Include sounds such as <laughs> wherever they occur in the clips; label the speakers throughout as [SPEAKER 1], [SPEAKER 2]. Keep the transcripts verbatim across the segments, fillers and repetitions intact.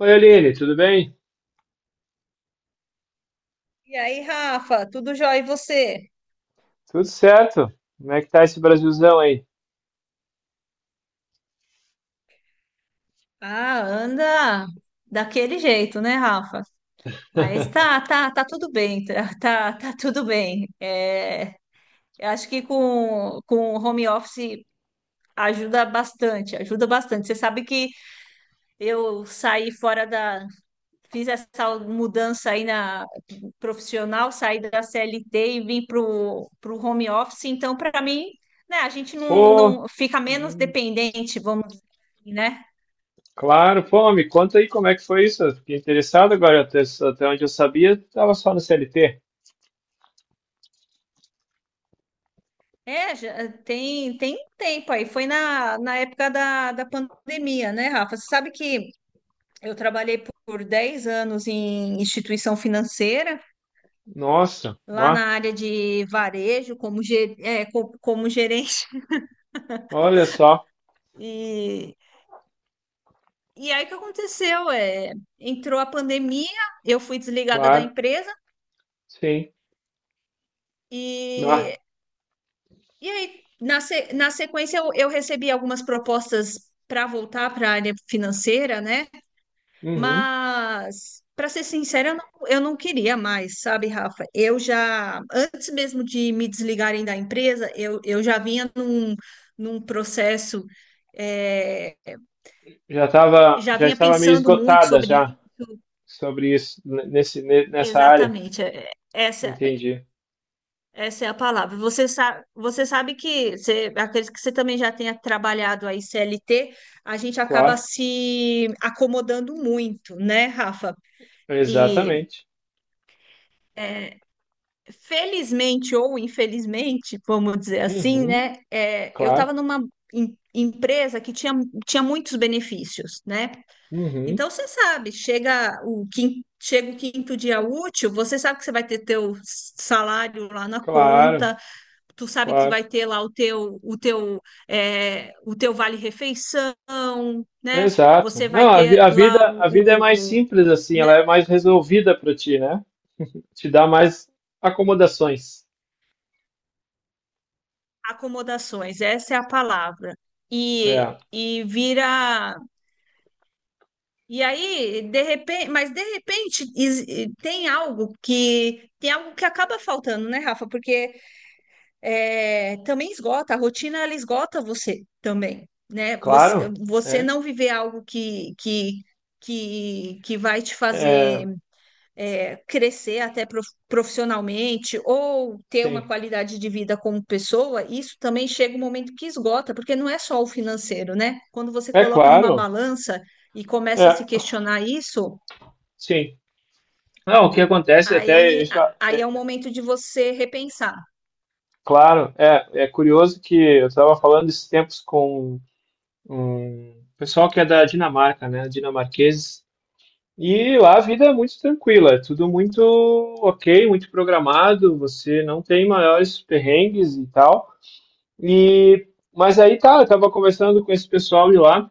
[SPEAKER 1] Oi, Aline, tudo bem?
[SPEAKER 2] E aí, Rafa, tudo jóia e você?
[SPEAKER 1] Tudo certo? Como é que tá esse Brasilzão aí?
[SPEAKER 2] Ah, anda daquele jeito, né, Rafa? Mas tá,
[SPEAKER 1] <laughs>
[SPEAKER 2] tá, tá tudo bem, tá, <laughs> tá, tá tudo bem. É, eu acho que com, com o home office ajuda bastante, ajuda bastante. Você sabe que eu saí fora da, fiz essa mudança aí na profissional, saí da C L T e vim pro, pro home office, então para mim, né, a gente não,
[SPEAKER 1] Pô,
[SPEAKER 2] não fica menos
[SPEAKER 1] hum,
[SPEAKER 2] dependente, vamos dizer, assim, né?
[SPEAKER 1] claro, pô, me conta aí como é que foi isso. Eu fiquei interessado agora, até, até onde eu sabia, estava só no C L T.
[SPEAKER 2] É, já eh, tem, tem um tempo aí. Foi na, na época da, da pandemia, né, Rafa? Você sabe que eu trabalhei por dez anos em instituição financeira,
[SPEAKER 1] Nossa,
[SPEAKER 2] lá
[SPEAKER 1] bah,
[SPEAKER 2] na área de varejo, como, ge- é, co- como gerente. <laughs>
[SPEAKER 1] olha só,
[SPEAKER 2] E, e aí o que aconteceu? É, entrou a pandemia, eu fui desligada da
[SPEAKER 1] claro,
[SPEAKER 2] empresa,
[SPEAKER 1] sim, bah,
[SPEAKER 2] e, e aí, na, se- na sequência, eu, eu recebi algumas propostas para voltar para a área financeira, né?
[SPEAKER 1] uhum.
[SPEAKER 2] Mas, para ser sincera, eu não, eu não queria mais, sabe, Rafa? Eu já, antes mesmo de me desligarem da empresa, eu, eu já vinha num, num processo, é,
[SPEAKER 1] Já tava,
[SPEAKER 2] já
[SPEAKER 1] já
[SPEAKER 2] vinha
[SPEAKER 1] estava meio
[SPEAKER 2] pensando muito
[SPEAKER 1] esgotada já
[SPEAKER 2] sobre.
[SPEAKER 1] sobre isso, n- nesse, ne- nessa área,
[SPEAKER 2] Exatamente, é- essa,
[SPEAKER 1] entendi,
[SPEAKER 2] essa é a palavra. Você sabe, você sabe que, você, acredito que você também já tenha trabalhado aí C L T, a gente acaba
[SPEAKER 1] claro,
[SPEAKER 2] se acomodando muito, né, Rafa? E
[SPEAKER 1] exatamente,
[SPEAKER 2] felizmente ou infelizmente, vamos dizer assim, né?
[SPEAKER 1] uhum,
[SPEAKER 2] é, eu
[SPEAKER 1] claro,
[SPEAKER 2] estava numa em- empresa que tinha, tinha muitos benefícios, né?
[SPEAKER 1] uhum,
[SPEAKER 2] Então você sabe, chega o quinto, chega o quinto dia útil, você sabe que você vai ter teu salário lá na
[SPEAKER 1] claro,
[SPEAKER 2] conta, tu sabe que
[SPEAKER 1] claro.
[SPEAKER 2] vai ter lá o teu o teu é, o teu vale refeição, né?
[SPEAKER 1] Exato.
[SPEAKER 2] Você vai
[SPEAKER 1] Não, a, vi-
[SPEAKER 2] ter
[SPEAKER 1] a vida,
[SPEAKER 2] lá
[SPEAKER 1] a vida é
[SPEAKER 2] o,
[SPEAKER 1] mais
[SPEAKER 2] o-
[SPEAKER 1] simples assim,
[SPEAKER 2] Né,
[SPEAKER 1] ela é mais resolvida para ti, né? Te dá mais acomodações.
[SPEAKER 2] acomodações, essa é a palavra.
[SPEAKER 1] É,
[SPEAKER 2] E, e vira. E aí, de repente, mas de repente is- e tem algo que tem algo que acaba faltando, né, Rafa? Porque é, também esgota, a rotina ela esgota você também, né? Você,
[SPEAKER 1] claro.
[SPEAKER 2] você
[SPEAKER 1] É,
[SPEAKER 2] não viver algo que, que, que, que vai te fazer
[SPEAKER 1] é,
[SPEAKER 2] é, crescer até profissionalmente ou ter uma
[SPEAKER 1] sim.
[SPEAKER 2] qualidade de vida como pessoa. Isso também chega um momento que esgota, porque não é só o financeiro, né? Quando você
[SPEAKER 1] É
[SPEAKER 2] coloca numa
[SPEAKER 1] claro.
[SPEAKER 2] balança e começa
[SPEAKER 1] É,
[SPEAKER 2] a se questionar isso,
[SPEAKER 1] sim. Não, o que acontece até
[SPEAKER 2] aí,
[SPEAKER 1] isso,
[SPEAKER 2] a- aí é o momento de você repensar.
[SPEAKER 1] claro, é, é curioso que eu estava falando esses tempos com um pessoal que é da Dinamarca, né? Dinamarqueses. E lá a vida é muito tranquila, é tudo muito ok, muito programado, você não tem maiores perrengues e tal. E mas aí tá, eu tava conversando com esse pessoal de lá,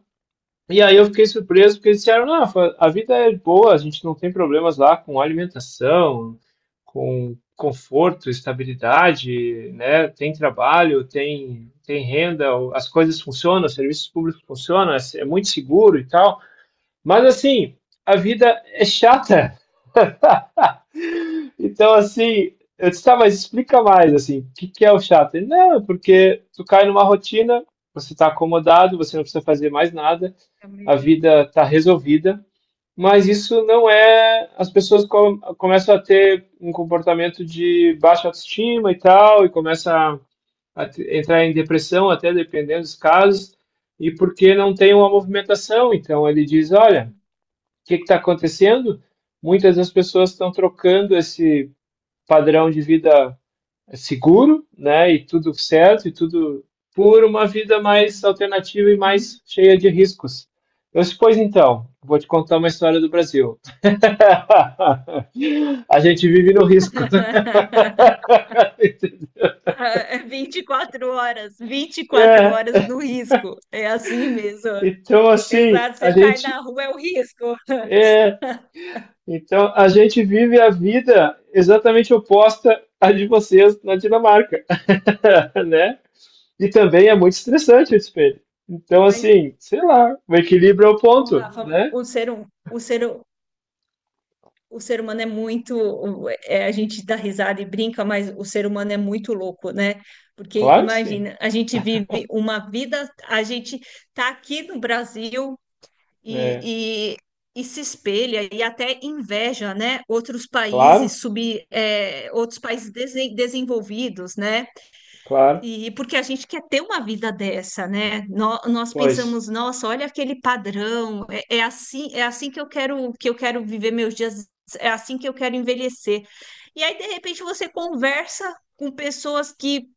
[SPEAKER 1] e aí eu fiquei surpreso porque eles disseram: "Não, Rafa, a vida é boa, a gente não tem problemas lá com alimentação, com conforto, estabilidade, né? Tem trabalho, tem tem renda, o- as coisas funcionam, os serviços públicos funcionam, é é muito seguro e tal". Mas assim, a vida é chata.
[SPEAKER 2] <laughs>
[SPEAKER 1] Então, assim, eu disse, tá, mas explica mais, assim, o que que é o chato? Ele, não, é porque tu cai numa rotina, você tá acomodado, você não precisa fazer mais nada,
[SPEAKER 2] É meio
[SPEAKER 1] a
[SPEAKER 2] que isso
[SPEAKER 1] vida tá resolvida, mas isso não é. As pessoas com- começam a ter um comportamento de baixa autoestima e tal, e começam a, a te- entrar em depressão, até dependendo dos casos, e porque não tem uma
[SPEAKER 2] mesmo.
[SPEAKER 1] movimentação. Então, ele diz: olha,
[SPEAKER 2] Imagina.
[SPEAKER 1] o que que tá acontecendo? Muitas das pessoas estão trocando esse padrão de vida seguro, né? E tudo certo, e tudo por uma vida
[SPEAKER 2] Demorou.
[SPEAKER 1] mais alternativa e
[SPEAKER 2] Uhum.
[SPEAKER 1] mais cheia de riscos. Eu pois então, vou te contar uma história do Brasil. <laughs> A gente vive no risco.
[SPEAKER 2] <laughs>
[SPEAKER 1] <laughs>
[SPEAKER 2] vinte e quatro horas, vinte e quatro
[SPEAKER 1] é,
[SPEAKER 2] horas no risco. É assim mesmo.
[SPEAKER 1] então assim,
[SPEAKER 2] Exato,
[SPEAKER 1] a
[SPEAKER 2] você sai da
[SPEAKER 1] gente
[SPEAKER 2] rua, é o risco.
[SPEAKER 1] é, então a gente vive a vida exatamente oposta à de vocês na Dinamarca, <laughs> né? E também é muito estressante o espelho. Então,
[SPEAKER 2] Mas,
[SPEAKER 1] assim, sei lá, o equilíbrio é o
[SPEAKER 2] ô,
[SPEAKER 1] ponto,
[SPEAKER 2] Rafa,
[SPEAKER 1] né?
[SPEAKER 2] o ser, hum- o ser, hu- o ser humano é muito. o- é, a gente dá risada e brinca, mas o ser humano é muito louco, né? Porque
[SPEAKER 1] Claro que sim.
[SPEAKER 2] imagina, a gente vive uma vida, a gente tá aqui no Brasil
[SPEAKER 1] É,
[SPEAKER 2] e, e, e se espelha e até inveja, né? Outros
[SPEAKER 1] claro,
[SPEAKER 2] países sub, é, outros países desen- desenvolvidos, né?
[SPEAKER 1] claro.
[SPEAKER 2] E porque a gente quer ter uma vida dessa, né? Nó- Nós,
[SPEAKER 1] Pois,
[SPEAKER 2] pensamos, nossa, olha aquele padrão, é, é assim, é assim que eu quero que eu quero viver meus dias, é assim que eu quero envelhecer. E aí, de repente, você conversa com pessoas que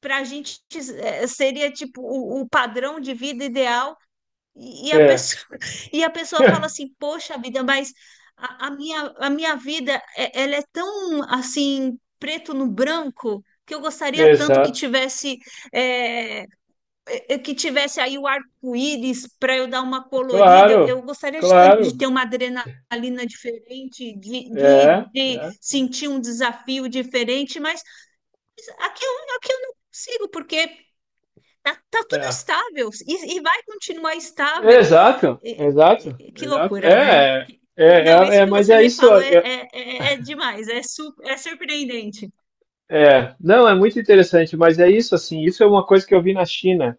[SPEAKER 2] para a gente é, seria tipo o, o padrão de vida ideal e, e a
[SPEAKER 1] é.
[SPEAKER 2] pessoa, <laughs> e a pessoa fala
[SPEAKER 1] <laughs>
[SPEAKER 2] assim, poxa vida, mas a, a minha, a minha vida, é- ela é tão assim, preto no branco, que eu gostaria tanto que
[SPEAKER 1] Exato.
[SPEAKER 2] tivesse, é, é, é, que tivesse aí o arco-íris para eu dar uma colorida. Eu,
[SPEAKER 1] Claro,
[SPEAKER 2] eu gostaria de tanto de
[SPEAKER 1] claro.
[SPEAKER 2] ter uma adrenalina diferente, de, de,
[SPEAKER 1] É,
[SPEAKER 2] de
[SPEAKER 1] é,
[SPEAKER 2] sentir um desafio diferente, mas aqui eu, aqui eu não consigo, porque tá, tá tudo
[SPEAKER 1] é.
[SPEAKER 2] estável e e vai continuar estável.
[SPEAKER 1] Exato,
[SPEAKER 2] E-
[SPEAKER 1] exato,
[SPEAKER 2] e- Que
[SPEAKER 1] exato.
[SPEAKER 2] loucura, né?
[SPEAKER 1] É, é,
[SPEAKER 2] E,
[SPEAKER 1] é,
[SPEAKER 2] não,
[SPEAKER 1] é,
[SPEAKER 2] isso
[SPEAKER 1] é,
[SPEAKER 2] que
[SPEAKER 1] mas
[SPEAKER 2] você
[SPEAKER 1] é
[SPEAKER 2] me
[SPEAKER 1] isso.
[SPEAKER 2] falou é,
[SPEAKER 1] É,
[SPEAKER 2] é, é- é demais, é, su- é surpreendente.
[SPEAKER 1] é. Não, é muito interessante, mas é isso, assim. Isso é uma coisa que eu vi na China.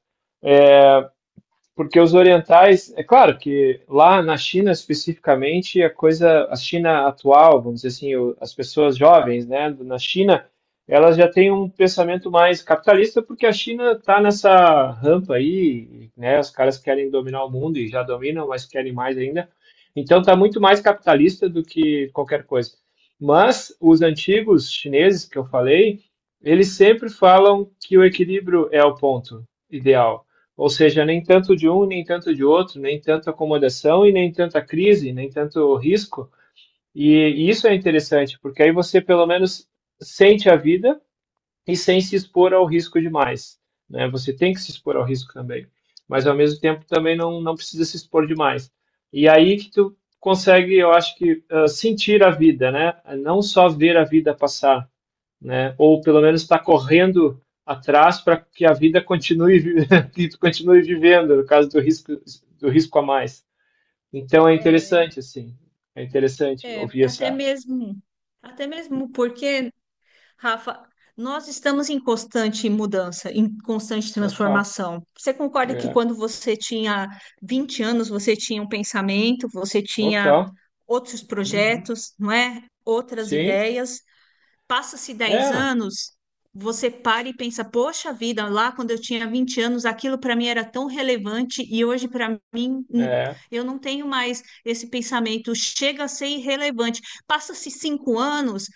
[SPEAKER 1] Porque os orientais, é claro que lá na China especificamente, a coisa, a China atual, vamos dizer assim, o- as pessoas jovens, né, na China, elas já têm um pensamento mais capitalista, porque a China está nessa rampa aí, né, os caras querem dominar o mundo e já dominam, mas querem mais ainda. Então está muito mais capitalista do que qualquer coisa. Mas os antigos chineses que eu falei, eles sempre falam que o equilíbrio é o ponto ideal. Ou seja, nem tanto de um, nem tanto de outro, nem tanto acomodação e nem tanta crise, nem tanto risco. E, e isso é interessante, porque aí você pelo menos sente a vida e sem se expor ao risco demais. Né? Você tem que se expor ao risco também, mas ao mesmo tempo também não, não precisa se expor demais. E aí que tu consegue, eu acho que, uh, sentir a vida, né? Não só ver a vida passar, né? Ou pelo menos está correndo atrás para que a vida continue <laughs> que tu continue vivendo, no caso do risco do risco a mais. Então é
[SPEAKER 2] É,
[SPEAKER 1] interessante assim, é interessante
[SPEAKER 2] é,
[SPEAKER 1] ouvir
[SPEAKER 2] até
[SPEAKER 1] essa
[SPEAKER 2] mesmo, até mesmo porque, Rafa, nós estamos em constante mudança, em constante
[SPEAKER 1] total,
[SPEAKER 2] transformação. Você concorda que
[SPEAKER 1] é,
[SPEAKER 2] quando você tinha vinte anos, você tinha um pensamento, você tinha
[SPEAKER 1] total,
[SPEAKER 2] outros
[SPEAKER 1] uhum.
[SPEAKER 2] projetos, não é? Outras
[SPEAKER 1] Sim,
[SPEAKER 2] ideias. Passa-se dez
[SPEAKER 1] é,
[SPEAKER 2] anos, você para e pensa, poxa vida, lá quando eu tinha vinte anos, aquilo para mim era tão relevante e hoje para mim, hum,
[SPEAKER 1] é,
[SPEAKER 2] eu não tenho mais esse pensamento, chega a ser irrelevante. Passa-se cinco anos,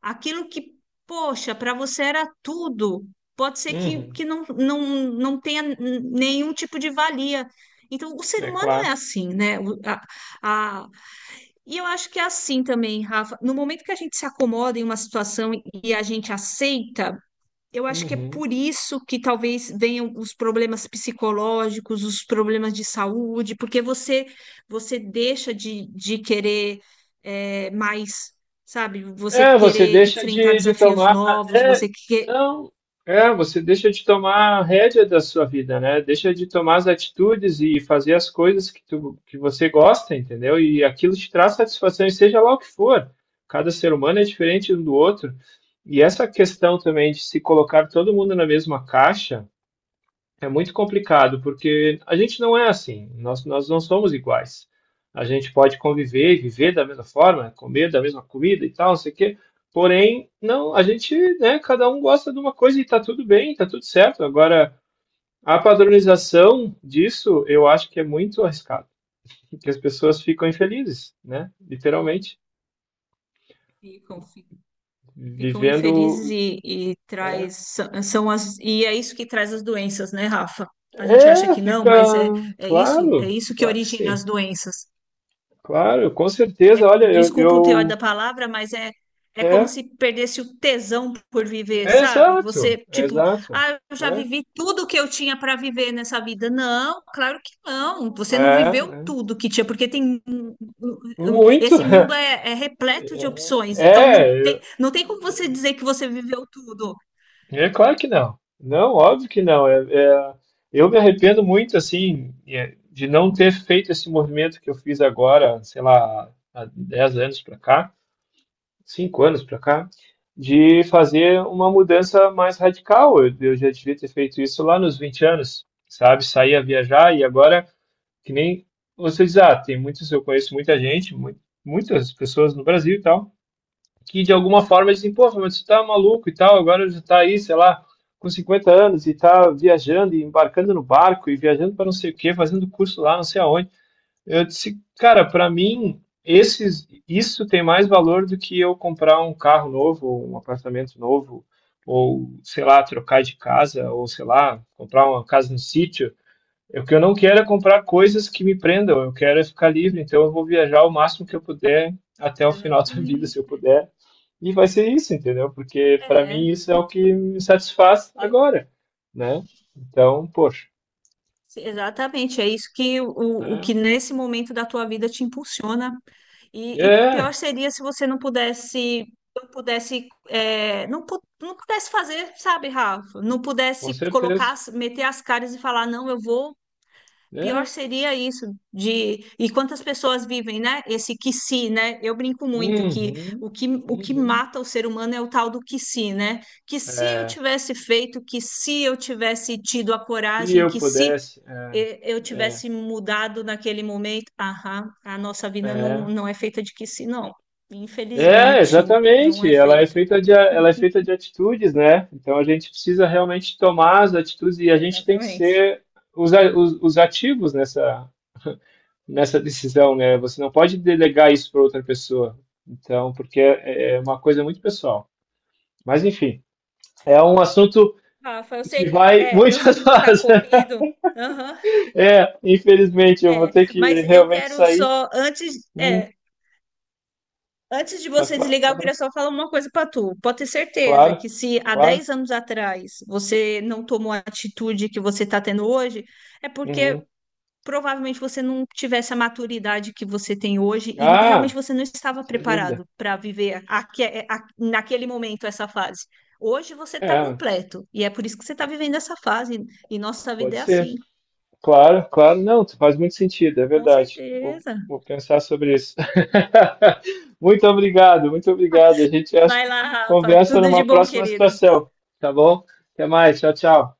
[SPEAKER 2] aquilo que, poxa, para você era tudo, pode ser que,
[SPEAKER 1] uhum.
[SPEAKER 2] que não, não, não tenha, hum, nenhum tipo de valia. Então, o ser
[SPEAKER 1] É
[SPEAKER 2] humano é
[SPEAKER 1] claro,
[SPEAKER 2] assim, né? O- A, a, e eu acho que é assim também, Rafa. No momento que a gente se acomoda em uma situação e a gente aceita, eu acho que é
[SPEAKER 1] uhum.
[SPEAKER 2] por isso que talvez venham os problemas psicológicos, os problemas de saúde, porque você você deixa de, de querer é, mais, sabe? Você
[SPEAKER 1] É, você
[SPEAKER 2] querer
[SPEAKER 1] deixa
[SPEAKER 2] enfrentar
[SPEAKER 1] de, de
[SPEAKER 2] desafios
[SPEAKER 1] tomar.
[SPEAKER 2] novos,
[SPEAKER 1] É,
[SPEAKER 2] você quer.
[SPEAKER 1] não. É, você deixa de tomar a rédea da sua vida, né? Deixa de tomar as atitudes e fazer as coisas que, tu, que você gosta, entendeu? E aquilo te traz satisfação, e seja lá o que for. Cada ser humano é diferente um do outro. E essa questão também de se colocar todo mundo na mesma caixa. É muito complicado, porque a gente não é assim, nós, nós não somos iguais. A gente pode conviver e viver da mesma forma, comer da mesma comida e tal, não sei o quê. Porém, não, a gente, né, cada um gosta de uma coisa e tá tudo bem, tá tudo certo. Agora, a padronização disso, eu acho que é muito arriscado, porque as pessoas ficam infelizes, né?
[SPEAKER 2] É,
[SPEAKER 1] Literalmente,
[SPEAKER 2] ficam, ficam. Ficam
[SPEAKER 1] vivendo,
[SPEAKER 2] infelizes e, e
[SPEAKER 1] é,
[SPEAKER 2] traz são são as e é isso que traz as doenças, né, Rafa? A gente acha
[SPEAKER 1] é,
[SPEAKER 2] que não,
[SPEAKER 1] fica,
[SPEAKER 2] mas é, é isso, é
[SPEAKER 1] claro,
[SPEAKER 2] isso que
[SPEAKER 1] claro que
[SPEAKER 2] origina
[SPEAKER 1] sim.
[SPEAKER 2] as doenças.
[SPEAKER 1] Claro, com
[SPEAKER 2] É,
[SPEAKER 1] certeza. Olha, eu,
[SPEAKER 2] desculpa o teor
[SPEAKER 1] eu
[SPEAKER 2] da palavra, mas é é como
[SPEAKER 1] é,
[SPEAKER 2] se perdesse o tesão por viver, sabe?
[SPEAKER 1] Exato,
[SPEAKER 2] Você, tipo,
[SPEAKER 1] exato.
[SPEAKER 2] ah, eu já
[SPEAKER 1] É,
[SPEAKER 2] vivi tudo que eu tinha para viver nessa vida. Não, claro que não. Você não
[SPEAKER 1] é,
[SPEAKER 2] viveu
[SPEAKER 1] é.
[SPEAKER 2] tudo que tinha, porque tem
[SPEAKER 1] Muito.
[SPEAKER 2] esse
[SPEAKER 1] <laughs>
[SPEAKER 2] mundo é, é repleto de opções. Então
[SPEAKER 1] É,
[SPEAKER 2] não
[SPEAKER 1] eu-
[SPEAKER 2] tem, não tem como você dizer que você viveu tudo.
[SPEAKER 1] é claro que não. Não, óbvio que não. É, é, eu me arrependo muito, assim, é, de não ter feito esse movimento que eu fiz agora, sei lá, há dez anos para cá, cinco anos para cá, de fazer uma mudança mais radical. Eu, eu já devia ter feito isso lá nos vinte anos, sabe? Sair a viajar e agora. Que nem vocês, ah, tem muitos, eu conheço muita gente, mu- muitas pessoas no Brasil e tal, que de alguma forma dizem, pô, mas você tá maluco e tal, agora já tá aí, sei lá, com cinquenta anos e tá viajando e embarcando no barco e viajando para não sei o quê, fazendo curso lá, não sei aonde. Eu disse, cara, para mim, esses, isso tem mais valor do que eu comprar um carro novo, ou um apartamento novo, ou, sei lá, trocar de casa, ou, sei lá, comprar uma casa no sítio, o que eu não quero é comprar coisas que me prendam, eu quero é ficar livre, então eu vou viajar o máximo que eu puder até o final <laughs> da vida, se eu
[SPEAKER 2] Exatamente.
[SPEAKER 1] puder. E vai ser isso, entendeu? Porque para
[SPEAKER 2] É,
[SPEAKER 1] mim isso é o que me satisfaz
[SPEAKER 2] eu-
[SPEAKER 1] agora, né? Então, poxa,
[SPEAKER 2] exatamente. É isso que o, o
[SPEAKER 1] né?
[SPEAKER 2] que nesse momento da tua vida te impulsiona. E, e
[SPEAKER 1] É,
[SPEAKER 2] pior seria se você não pudesse, não pudesse, é, não, pu- não pudesse fazer, sabe, Rafa? Não
[SPEAKER 1] com
[SPEAKER 2] pudesse colocar,
[SPEAKER 1] certeza.
[SPEAKER 2] as- meter as caras e falar, não, eu vou. Pior
[SPEAKER 1] É.
[SPEAKER 2] seria isso, de e quantas pessoas vivem, né? Esse que se, né? Eu brinco muito que
[SPEAKER 1] Uhum,
[SPEAKER 2] o que o que
[SPEAKER 1] uhum.
[SPEAKER 2] mata o ser humano é o tal do que se, né? Que se eu
[SPEAKER 1] É,
[SPEAKER 2] tivesse feito, que se eu tivesse tido a
[SPEAKER 1] se
[SPEAKER 2] coragem,
[SPEAKER 1] eu
[SPEAKER 2] que se,
[SPEAKER 1] pudesse, é,
[SPEAKER 2] eh, eu
[SPEAKER 1] é,
[SPEAKER 2] tivesse mudado naquele momento, aham, a nossa vida não,
[SPEAKER 1] é.
[SPEAKER 2] não é feita de que se, não.
[SPEAKER 1] É,
[SPEAKER 2] Infelizmente, não
[SPEAKER 1] exatamente.
[SPEAKER 2] é
[SPEAKER 1] Ela é
[SPEAKER 2] feita.
[SPEAKER 1] feita de, a- ela é feita de atitudes, né? Então a gente precisa realmente tomar as atitudes e a gente tem que
[SPEAKER 2] Exatamente.
[SPEAKER 1] ser os, a- os, os ativos nessa, nessa decisão, né? Você não pode delegar isso para outra pessoa. Então, porque é é uma coisa muito pessoal. Mas enfim, é um assunto
[SPEAKER 2] Rafa, eu
[SPEAKER 1] que
[SPEAKER 2] sei,
[SPEAKER 1] vai
[SPEAKER 2] é, eu sei
[SPEAKER 1] muitas <laughs>
[SPEAKER 2] que tu tá
[SPEAKER 1] horas.
[SPEAKER 2] corrido. Aham.
[SPEAKER 1] É, infelizmente, eu vou
[SPEAKER 2] É,
[SPEAKER 1] ter que
[SPEAKER 2] mas eu
[SPEAKER 1] realmente
[SPEAKER 2] quero
[SPEAKER 1] sair.
[SPEAKER 2] só, antes,
[SPEAKER 1] Hum,
[SPEAKER 2] é, antes de
[SPEAKER 1] mas
[SPEAKER 2] você
[SPEAKER 1] cla-
[SPEAKER 2] desligar, eu queria só falar uma coisa para tu. Pode ter certeza
[SPEAKER 1] claro,
[SPEAKER 2] que se há
[SPEAKER 1] claro.
[SPEAKER 2] dez anos atrás você não tomou a atitude que você está tendo hoje, é porque
[SPEAKER 1] Uhum.
[SPEAKER 2] provavelmente você não tivesse a maturidade que você tem hoje e realmente
[SPEAKER 1] Ah,
[SPEAKER 2] você não estava
[SPEAKER 1] sem dúvida.
[SPEAKER 2] preparado para viver aque- é, a- naquele momento essa fase. Hoje você está
[SPEAKER 1] É.
[SPEAKER 2] completo e é por isso que você está vivendo essa fase e nossa vida
[SPEAKER 1] Pode
[SPEAKER 2] é
[SPEAKER 1] ser.
[SPEAKER 2] assim.
[SPEAKER 1] Claro, claro. Não, faz muito sentido, é
[SPEAKER 2] Com
[SPEAKER 1] verdade. Vou,
[SPEAKER 2] certeza.
[SPEAKER 1] vou pensar sobre isso. <laughs> Muito obrigado, muito obrigado. A gente acha-
[SPEAKER 2] Vai lá, Rafa.
[SPEAKER 1] conversa
[SPEAKER 2] Tudo de
[SPEAKER 1] numa
[SPEAKER 2] bom,
[SPEAKER 1] próxima
[SPEAKER 2] querido.
[SPEAKER 1] situação, tá bom? Até mais, tchau, tchau.